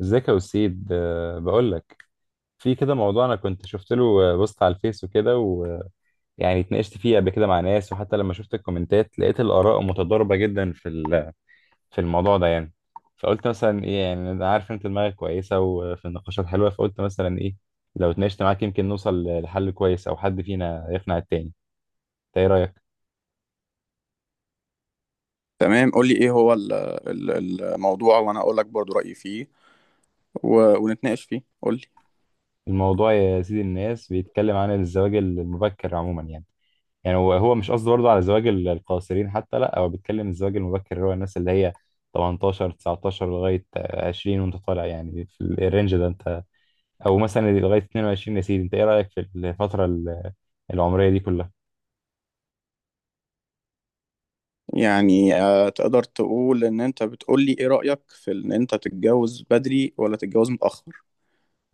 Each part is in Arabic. ازيك يا وسيد، بقول لك في كده موضوع انا كنت شفت له بوست على الفيس وكده، ويعني اتناقشت فيه قبل كده مع ناس، وحتى لما شفت الكومنتات لقيت الاراء متضاربه جدا في في الموضوع ده يعني. فقلت مثلا ايه، يعني انا عارف انت دماغك كويسه وفي النقاشات حلوه، فقلت مثلا ايه، لو اتناقشت معاك يمكن نوصل لحل كويس او حد فينا يقنع التاني. انت ايه رايك؟ تمام، قول لي ايه هو الموضوع وانا اقول لك برضو رأيي فيه، ونتناقش فيه. قول لي. الموضوع يا سيدي، الناس بيتكلم عن الزواج المبكر عموما، يعني هو مش قصده برضه على زواج القاصرين، حتى لا، هو بيتكلم الزواج المبكر اللي هو الناس اللي هي 18 19 لغاية 20 وانت طالع، يعني في الرينج ده انت، او مثلا لغاية 22. يا سيدي انت ايه رأيك في الفترة العمرية دي كلها؟ تقدر تقول ان انت بتقول لي ايه رأيك في ان انت تتجوز بدري ولا تتجوز متأخر،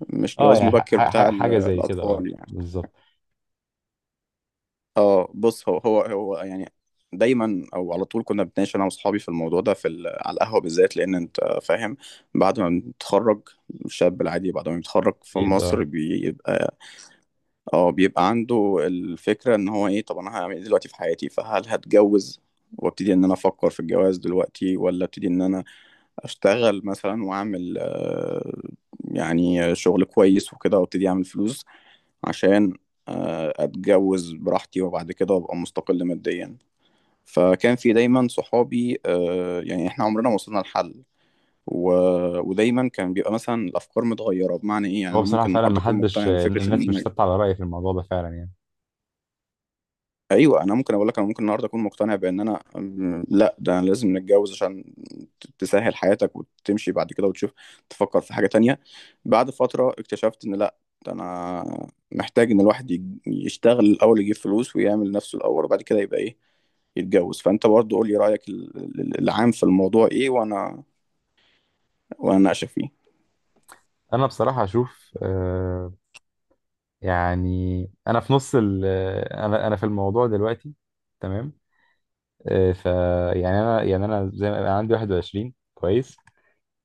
مش اه جواز يعني مبكر بتاع حاجة زي كده، اه الاطفال يعني. بالظبط. اه بص هو هو هو يعني دايما او على طول كنا بنتناقش انا واصحابي في الموضوع ده في على القهوه بالذات، لان انت فاهم بعد ما بتتخرج، الشاب العادي بعد ما بيتخرج في اكيد مصر اه. بيبقى، اه، بيبقى عنده الفكرة ان هو ايه. طب انا هعمل ايه دلوقتي في حياتي؟ فهل هتجوز وابتدي ان انا افكر في الجواز دلوقتي، ولا ابتدي ان انا اشتغل مثلا واعمل يعني شغل كويس وكده وابتدي اعمل فلوس عشان اتجوز براحتي وبعد كده ابقى مستقل ماديا. فكان في دايما صحابي، يعني احنا عمرنا ما وصلنا لحل و... ودايما كان بيبقى مثلا الافكار متغيره، بمعنى ايه؟ يعني هو انا بصراحة ممكن فعلا النهارده اكون محدش، مقتنع بفكره ان الناس مش ثابتة على رأي في الموضوع ده فعلا يعني. ايوه، انا ممكن اقول لك انا ممكن النهارده اكون مقتنع بان انا لا، ده انا لازم نتجوز عشان تسهل حياتك وتمشي بعد كده وتشوف، تفكر في حاجه تانية. بعد فتره اكتشفت ان لا، ده انا محتاج ان الواحد يشتغل الاول، يجيب فلوس ويعمل نفسه الاول وبعد كده يبقى ايه، يتجوز. فانت برضه قول لي رايك العام في الموضوع ايه، وانا اناقشك فيه. انا بصراحة اشوف آه، يعني انا في نص انا في الموضوع دلوقتي تمام. إيه، ف يعني انا، زي ما انا عندي 21، كويس.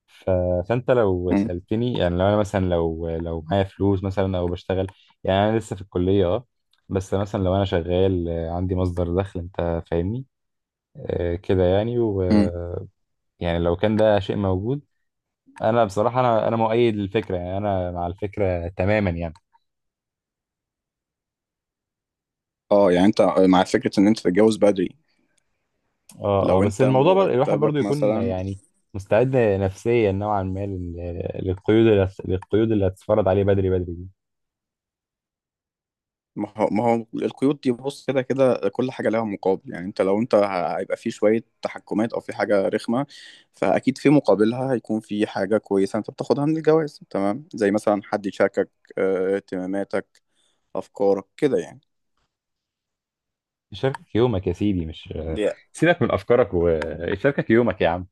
ف... فانت لو مم. سالتني، يعني لو انا مثلا، لو معايا فلوس مثلا او بشتغل، يعني انا لسه في الكليه اه، بس مثلا لو انا شغال، عندي مصدر دخل، انت فاهمني آه، كده يعني. و مم. يعني لو كان ده شيء موجود، انا بصراحه انا مؤيد للفكره، يعني انا مع الفكره تماما يعني. اه، يعني انت مع فكره ان انت تتجوز بدري اه اه، لو بس انت الموضوع الواحد برضو مرتبك يكون مثلا. يعني مستعد نفسيا نوعا ما للقيود اللي للقيود اللي هتتفرض عليه بدري، بدري دي ما هو القيود دي، بص، كده كده كل حاجه لها مقابل. يعني انت لو انت هيبقى في شويه تحكمات او في حاجه رخمه، فاكيد في مقابلها هيكون في حاجه كويسه انت بتاخدها من الجواز، تمام؟ زي مثلا حد يشاركك اهتماماتك، افكارك كده يعني. يشاركك يومك يا سيدي. مش دي سيبك من افكارك، ويشاركك يومك يا عم.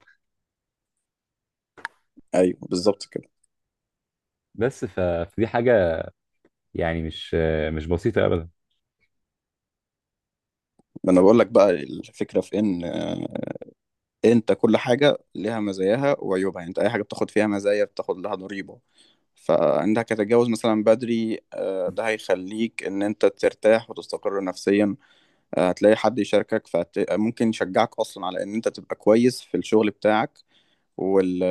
ايوه، بالظبط كده. بس فدي حاجه يعني مش بسيطه ابدا. ما انا بقول لك بقى الفكره في ان انت كل حاجه ليها مزاياها وعيوبها. يعني انت اي حاجه بتاخد فيها مزايا بتاخد لها ضريبه. فانك هتتجوز مثلا بدري ده هيخليك ان انت ترتاح وتستقر نفسيا، هتلاقي حد يشاركك، فممكن يشجعك اصلا على ان انت تبقى كويس في الشغل بتاعك وال...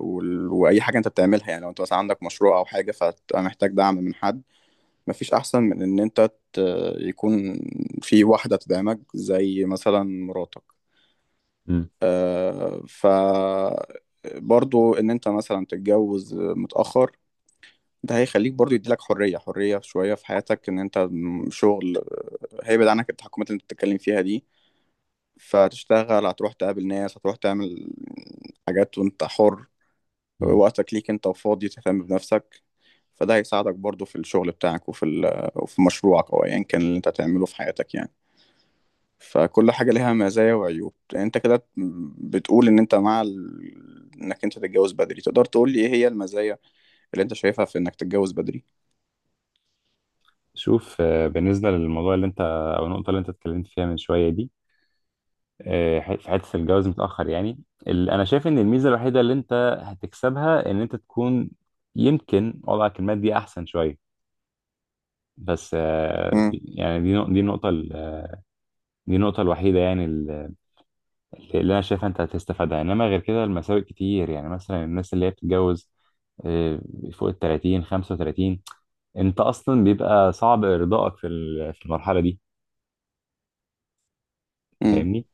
واي حاجه انت بتعملها. يعني لو انت مثلا عندك مشروع او حاجه فهتبقى محتاج دعم من حد. مفيش احسن من ان انت يكون في واحده تدعمك زي مثلا مراتك. مم. آه، ف برضو ان انت مثلا تتجوز متأخر ده هيخليك برضو، يديلك حرية، حرية شوية في حياتك، ان انت م- شغل آه، هيبعد عنك التحكمات اللي انت بتتكلم فيها دي. فتشتغل، هتروح تقابل ناس، هتروح تعمل حاجات وانت حر. مم. وقتك ليك انت، وفاضي تهتم بنفسك. فده هيساعدك برضو في الشغل بتاعك وفي وفي مشروعك او ايا كان اللي انت هتعمله في حياتك يعني. فكل حاجة ليها مزايا وعيوب. انت كده بتقول ان انت مع انك انت تتجوز بدري. تقدر تقول لي ايه هي المزايا اللي انت شايفها في انك تتجوز بدري؟ شوف آه، بالنسبه للموضوع اللي انت، او النقطه اللي انت اتكلمت فيها من شويه دي، آه، في حته الجواز متاخر يعني، انا شايف ان الميزه الوحيده اللي انت هتكسبها ان انت تكون يمكن وضعك المادي احسن شويه. بس آه، يعني دي دي النقطة الوحيدة يعني اللي أنا شايفها أنت هتستفادها، إنما غير كده المساوئ كتير. يعني مثلا الناس اللي هي بتتجوز آه، فوق ال 30 35، أنت أصلا بيبقى صعب إرضائك في في المرحلة دي. أنت امم. فاهمني؟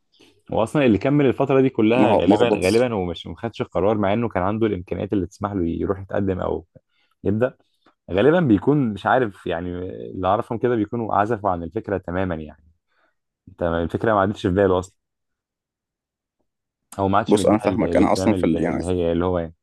وأصلا اللي كمل الفترة دي ما كلها هو غالبا، بص. غالبا ومش، ما خدش القرار مع إنه كان عنده الإمكانيات اللي تسمح له يروح يتقدم أو يبدأ. غالبا بيكون مش عارف، يعني اللي أعرفهم كده بيكونوا عزفوا عن الفكرة تماما يعني. أنت الفكرة ما عادتش في باله أصلا، هو ما عادش انا مديها فاهمك، انا الاهتمام اصلا في ال- ال... يعني اللي هي اللي هو يعني.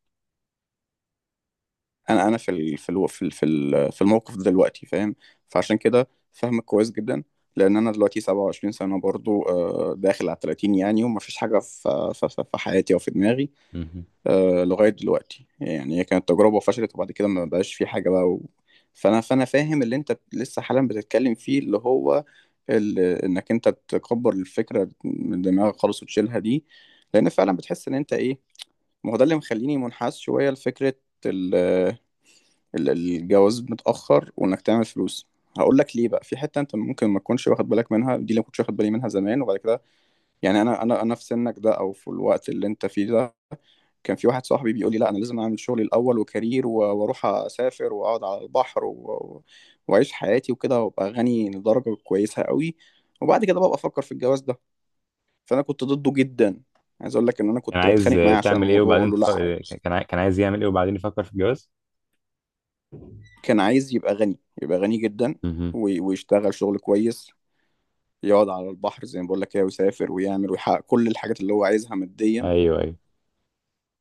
انا انا في ال... في الو... في ال... في ال... في الموقف ده دلوقتي، فاهم؟ فعشان كده فاهمك كويس جدا. لان انا دلوقتي 27 سنه برضو، داخل على 30 يعني. وما فيش حاجه في حياتي او في دماغي مهم. لغايه دلوقتي. يعني هي كانت تجربه وفشلت وبعد كده ما بقاش في حاجه بقى و... فانا فانا فاهم اللي انت لسه حالا بتتكلم فيه، اللي هو انك انت تكبر الفكره من دماغك خالص وتشيلها دي، لان فعلا بتحس ان انت ايه. ما هو ده اللي مخليني منحاز شوية لفكرة ال- الجواز متأخر وإنك تعمل فلوس. هقول لك ليه بقى، في حتة أنت ممكن ما تكونش واخد بالك منها دي، اللي ما كنتش واخد بالي منها زمان وبعد كده يعني. أنا في سنك ده أو في الوقت اللي أنت فيه ده كان في واحد صاحبي بيقول لي لا، أنا لازم أعمل شغلي الأول، وكارير، وأروح أسافر وأقعد على البحر وأعيش حياتي وكده، وأبقى غني لدرجة كويسة قوي، وبعد كده بقى أفكر في الجواز ده. فأنا كنت ضده جدا، عايز أقول لك إن أنا كان كنت عايز بتخانق آه، معاه عشان تعمل ايه الموضوع، وأقول وبعدين له لا عادي. كان عايز يعمل ايه وبعدين يفكر في الجواز. كان عايز يبقى غني، يبقى غني جدًا، مهم. و ويشتغل شغل كويس، يقعد على البحر زي ما باقول لك كده، ويسافر ويعمل ويحقق كل الحاجات اللي هو عايزها ماديًا، ايوه، ايوه.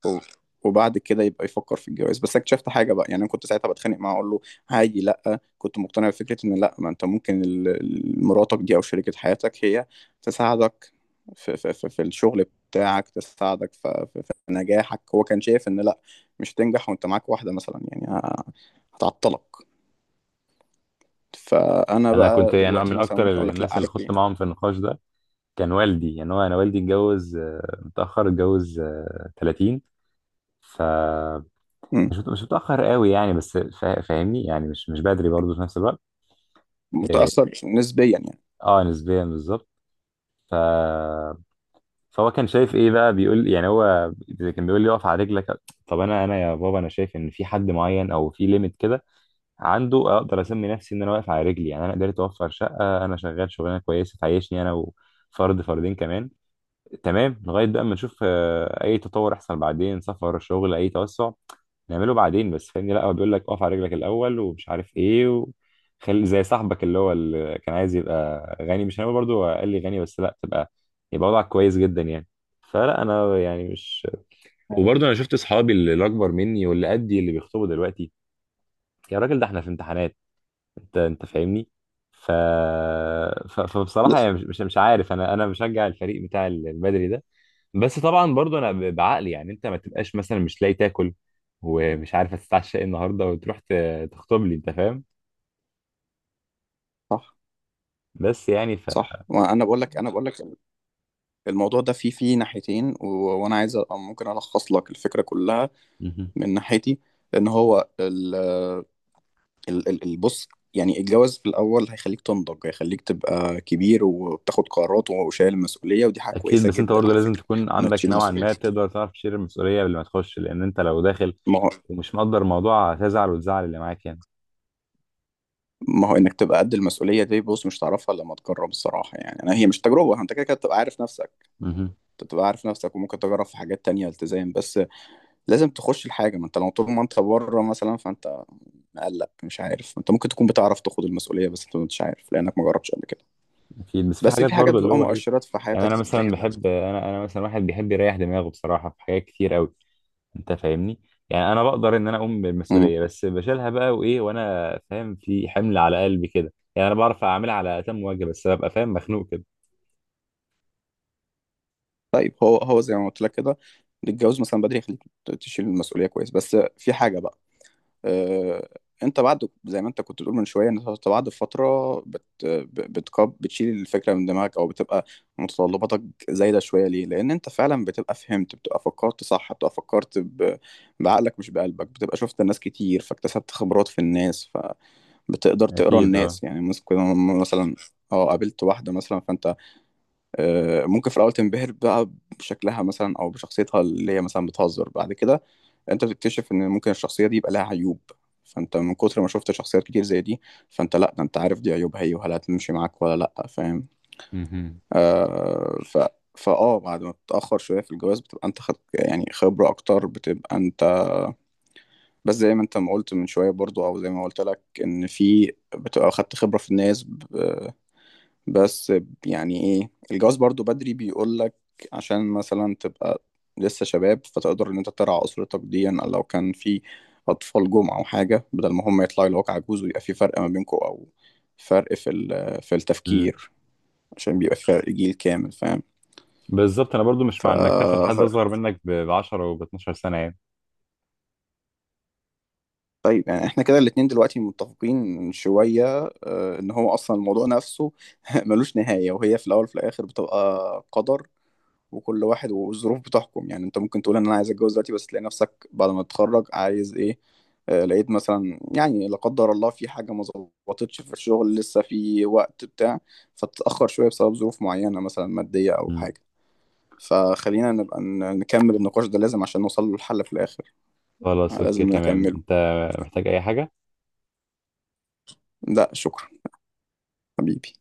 و وبعد كده يبقى يفكّر في الجواز. بس اكتشفت حاجة بقى. يعني أنا كنت ساعتها باتخانق معاه أقول له: "هاجي، لأ." كنت مقتنع بفكرة إن لأ، ما أنت ممكن ال ال مراتك دي أو شريكة حياتك هي تساعدك في في الشغل بتاعك، تساعدك ف في في نجاحك. هو كان شايف إن لأ، مش هتنجح وأنت معاك واحدة مثلًا، يعني هتعطّلك. فأنا انا كنت بقى يعني دلوقتي من مثلًا اكتر ممكن أقول لك لأ، الناس اللي عارف خدت ليه؟ معاهم في النقاش ده كان والدي، يعني هو انا والدي اتجوز آه، متاخر، اتجوز آه، 30. ف إمم، مش متاخر قوي يعني، بس فاهمني يعني مش بدري برضه في نفس الوقت. اه متأثّر نسبيًا يعني. آه، نسبيا بالظبط. ف فهو كان شايف ايه بقى، بيقول يعني، هو كان بيقول لي اقف على رجلك. طب انا، يا بابا، انا شايف ان في حد معين او في ليميت كده عنده اقدر اسمي نفسي ان انا واقف على رجلي. يعني انا قدرت اوفر شقه، انا شغال شغلانه كويسه تعيشني انا وفرد، فردين كمان، تمام، لغايه بقى ما نشوف آه، اي تطور يحصل بعدين، سفر شغل اي توسع نعمله بعدين. بس فاهمني، لا، هو بيقول لك اقف على رجلك الاول ومش عارف ايه، وخلي زي صاحبك اللي هو اللي كان عايز يبقى غني. مش هنقول برضه قال لي غني، بس لا، تبقى، يبقى وضعك كويس جدا يعني. فلا، انا يعني مش، أيوه. وبرضه انا شفت اصحابي اللي اكبر مني واللي قدي اللي بيخطبوا دلوقتي. يا راجل، ده احنا في امتحانات! انت فاهمني. ف... لأ، فبصراحه يعني مش عارف، انا بشجع الفريق بتاع البدري ده. بس طبعا برضو انا بعقلي يعني، انت ما تبقاش مثلا مش لاقي تاكل ومش عارف هتتعشى ايه النهارده وتروح تخطب لي. انت فاهم؟ صح. بس يعني ف صح. ما أنا باقول لك أنا، باقول لك الموضوع ده فيه، ناحيتين، وأنا عايز أبقى ممكن ألخّص لك الفكرة كلّها مهم. من ناحيتي. لإن هو ال ال ال ال بُص، يعني الجواز في الأول هيخلّيك تنضج، هيخلّيك تبقى كبير وبتاخد قرارات وشايل مسؤولية، ودي حاجة اكيد، كويسة بس انت جدًا برضه على لازم فكرة، تكون إنك عندك تشيل نوعا مسؤولية. ما تقدر تعرف تشيل المسؤوليه قبل ما تخش، لان انت لو داخل ما هو ومش مقدر الموضوع هتزعل وتزعل اللي معاك يعني. انك تبقى قد المسؤوليه دي، بص، مش تعرفها الا لما تجرب. الصراحه يعني انا هي مش تجربه، انت كده كده بتبقى عارف نفسك. مهم. انت بتبقى عارف نفسك وممكن تجرب في حاجات تانية التزام، بس لازم تخش الحاجه. ما انت لو طول ما انت بره مثلا فانت مقلق، مش عارف. انت ممكن تكون بتعرف تاخد المسؤوليه بس انت مش عارف لانك ما جربتش قبل كده. اكيد، بس في بس حاجات في حاجات برضو اللي بتبقى هو ايه، مؤشرات في يعني حياتك انا مثلا بتبين لك. بحب، انا مثلا واحد بيحب يريح دماغه بصراحه في حاجات كتير قوي. انت فاهمني. يعني انا بقدر ان انا اقوم مم. بالمسؤوليه، بس بشيلها بقى وايه، وانا فاهم في حمل على قلبي كده. يعني انا بعرف اعملها على اتم وجه بس ببقى فاهم مخنوق كده. طيب، هو هو زي ما قلت لك كده، الجواز مثلا بدري يخليك تشيل المسؤوليه كويس. بس في حاجه بقى، آه، انت بعد زي ما انت كنت بتقول من شويه ان انت بعد فتره بت ب- بتكب بتشيل الفكره من دماغك، او بتبقى متطلباتك زايده شويه. ليه؟ لان انت فعلا بتبقى فهمت، بتبقى فكرت صح، بتبقى فكرت بعقلك مش بقلبك، بتبقى شفت الناس كتير فاكتسبت خبرات في الناس، فبتقدر تقرا اكيد اه. الناس. يعني كنا مثلا، اه، قابلت واحده مثلا فانت ممكن في الاول تنبهر بقى بشكلها مثلا او بشخصيتها اللي هي مثلا بتهزر. بعد كده انت بتكتشف ان ممكن الشخصيه دي يبقى لها عيوب. فانت من كتر ما شفت شخصيات كتير زي دي فانت لا، ده انت عارف دي عيوبها هي، وهل هتمشي معاك ولا لا، فاهم؟ مهم. آه ف فاه بعد ما بتتاخر شويه في الجواز بتبقى انت خد يعني خبره اكتر، بتبقى انت بس زي ما انت ما قلت من شويه برضو، او زي ما قلت لك، ان في بتبقى خدت خبره في الناس. بس يعني ايه الجواز برضو بدري بيقولك، عشان مثلا تبقى لسه شباب فتقدر ان انت ترعى اسرتك ديا، أو لو كان في اطفال جم او حاجه، بدل ما هم يطلعوا لوك عجوز ويبقى في فرق ما بينكم، او فرق في في مم. التفكير، عشان بيبقى في فرق جيل كامل، فاهم؟ بالظبط، انا برضو مش ف مع انك تاخد حد اصغر منك ب 10 و ب 12 سنه يعني. طيب، يعني احنا كده الاتنين دلوقتي متفقين شويه ان هو اصلا الموضوع نفسه ملوش نهايه. وهي في الاول وفي الاخر بتبقى قدر، وكل واحد والظروف بتحكم. يعني انت ممكن تقول ان انا عايز اتجوز دلوقتي، بس تلاقي نفسك بعد ما تتخرج عايز ايه، لقيت مثلا يعني لا قدر الله في حاجة ما ظبطتش في الشغل، لسه في وقت بتاع، فتتأخر شوية بسبب ظروف معينة مثلا مادية أو مم. حاجة. فخلينا نبقى نكمل النقاش ده لازم، عشان نوصل له الحل في الآخر. خلاص اوكي لازم تمام، انت نكمله. محتاج اي حاجه؟ ده شكرا حبيبي.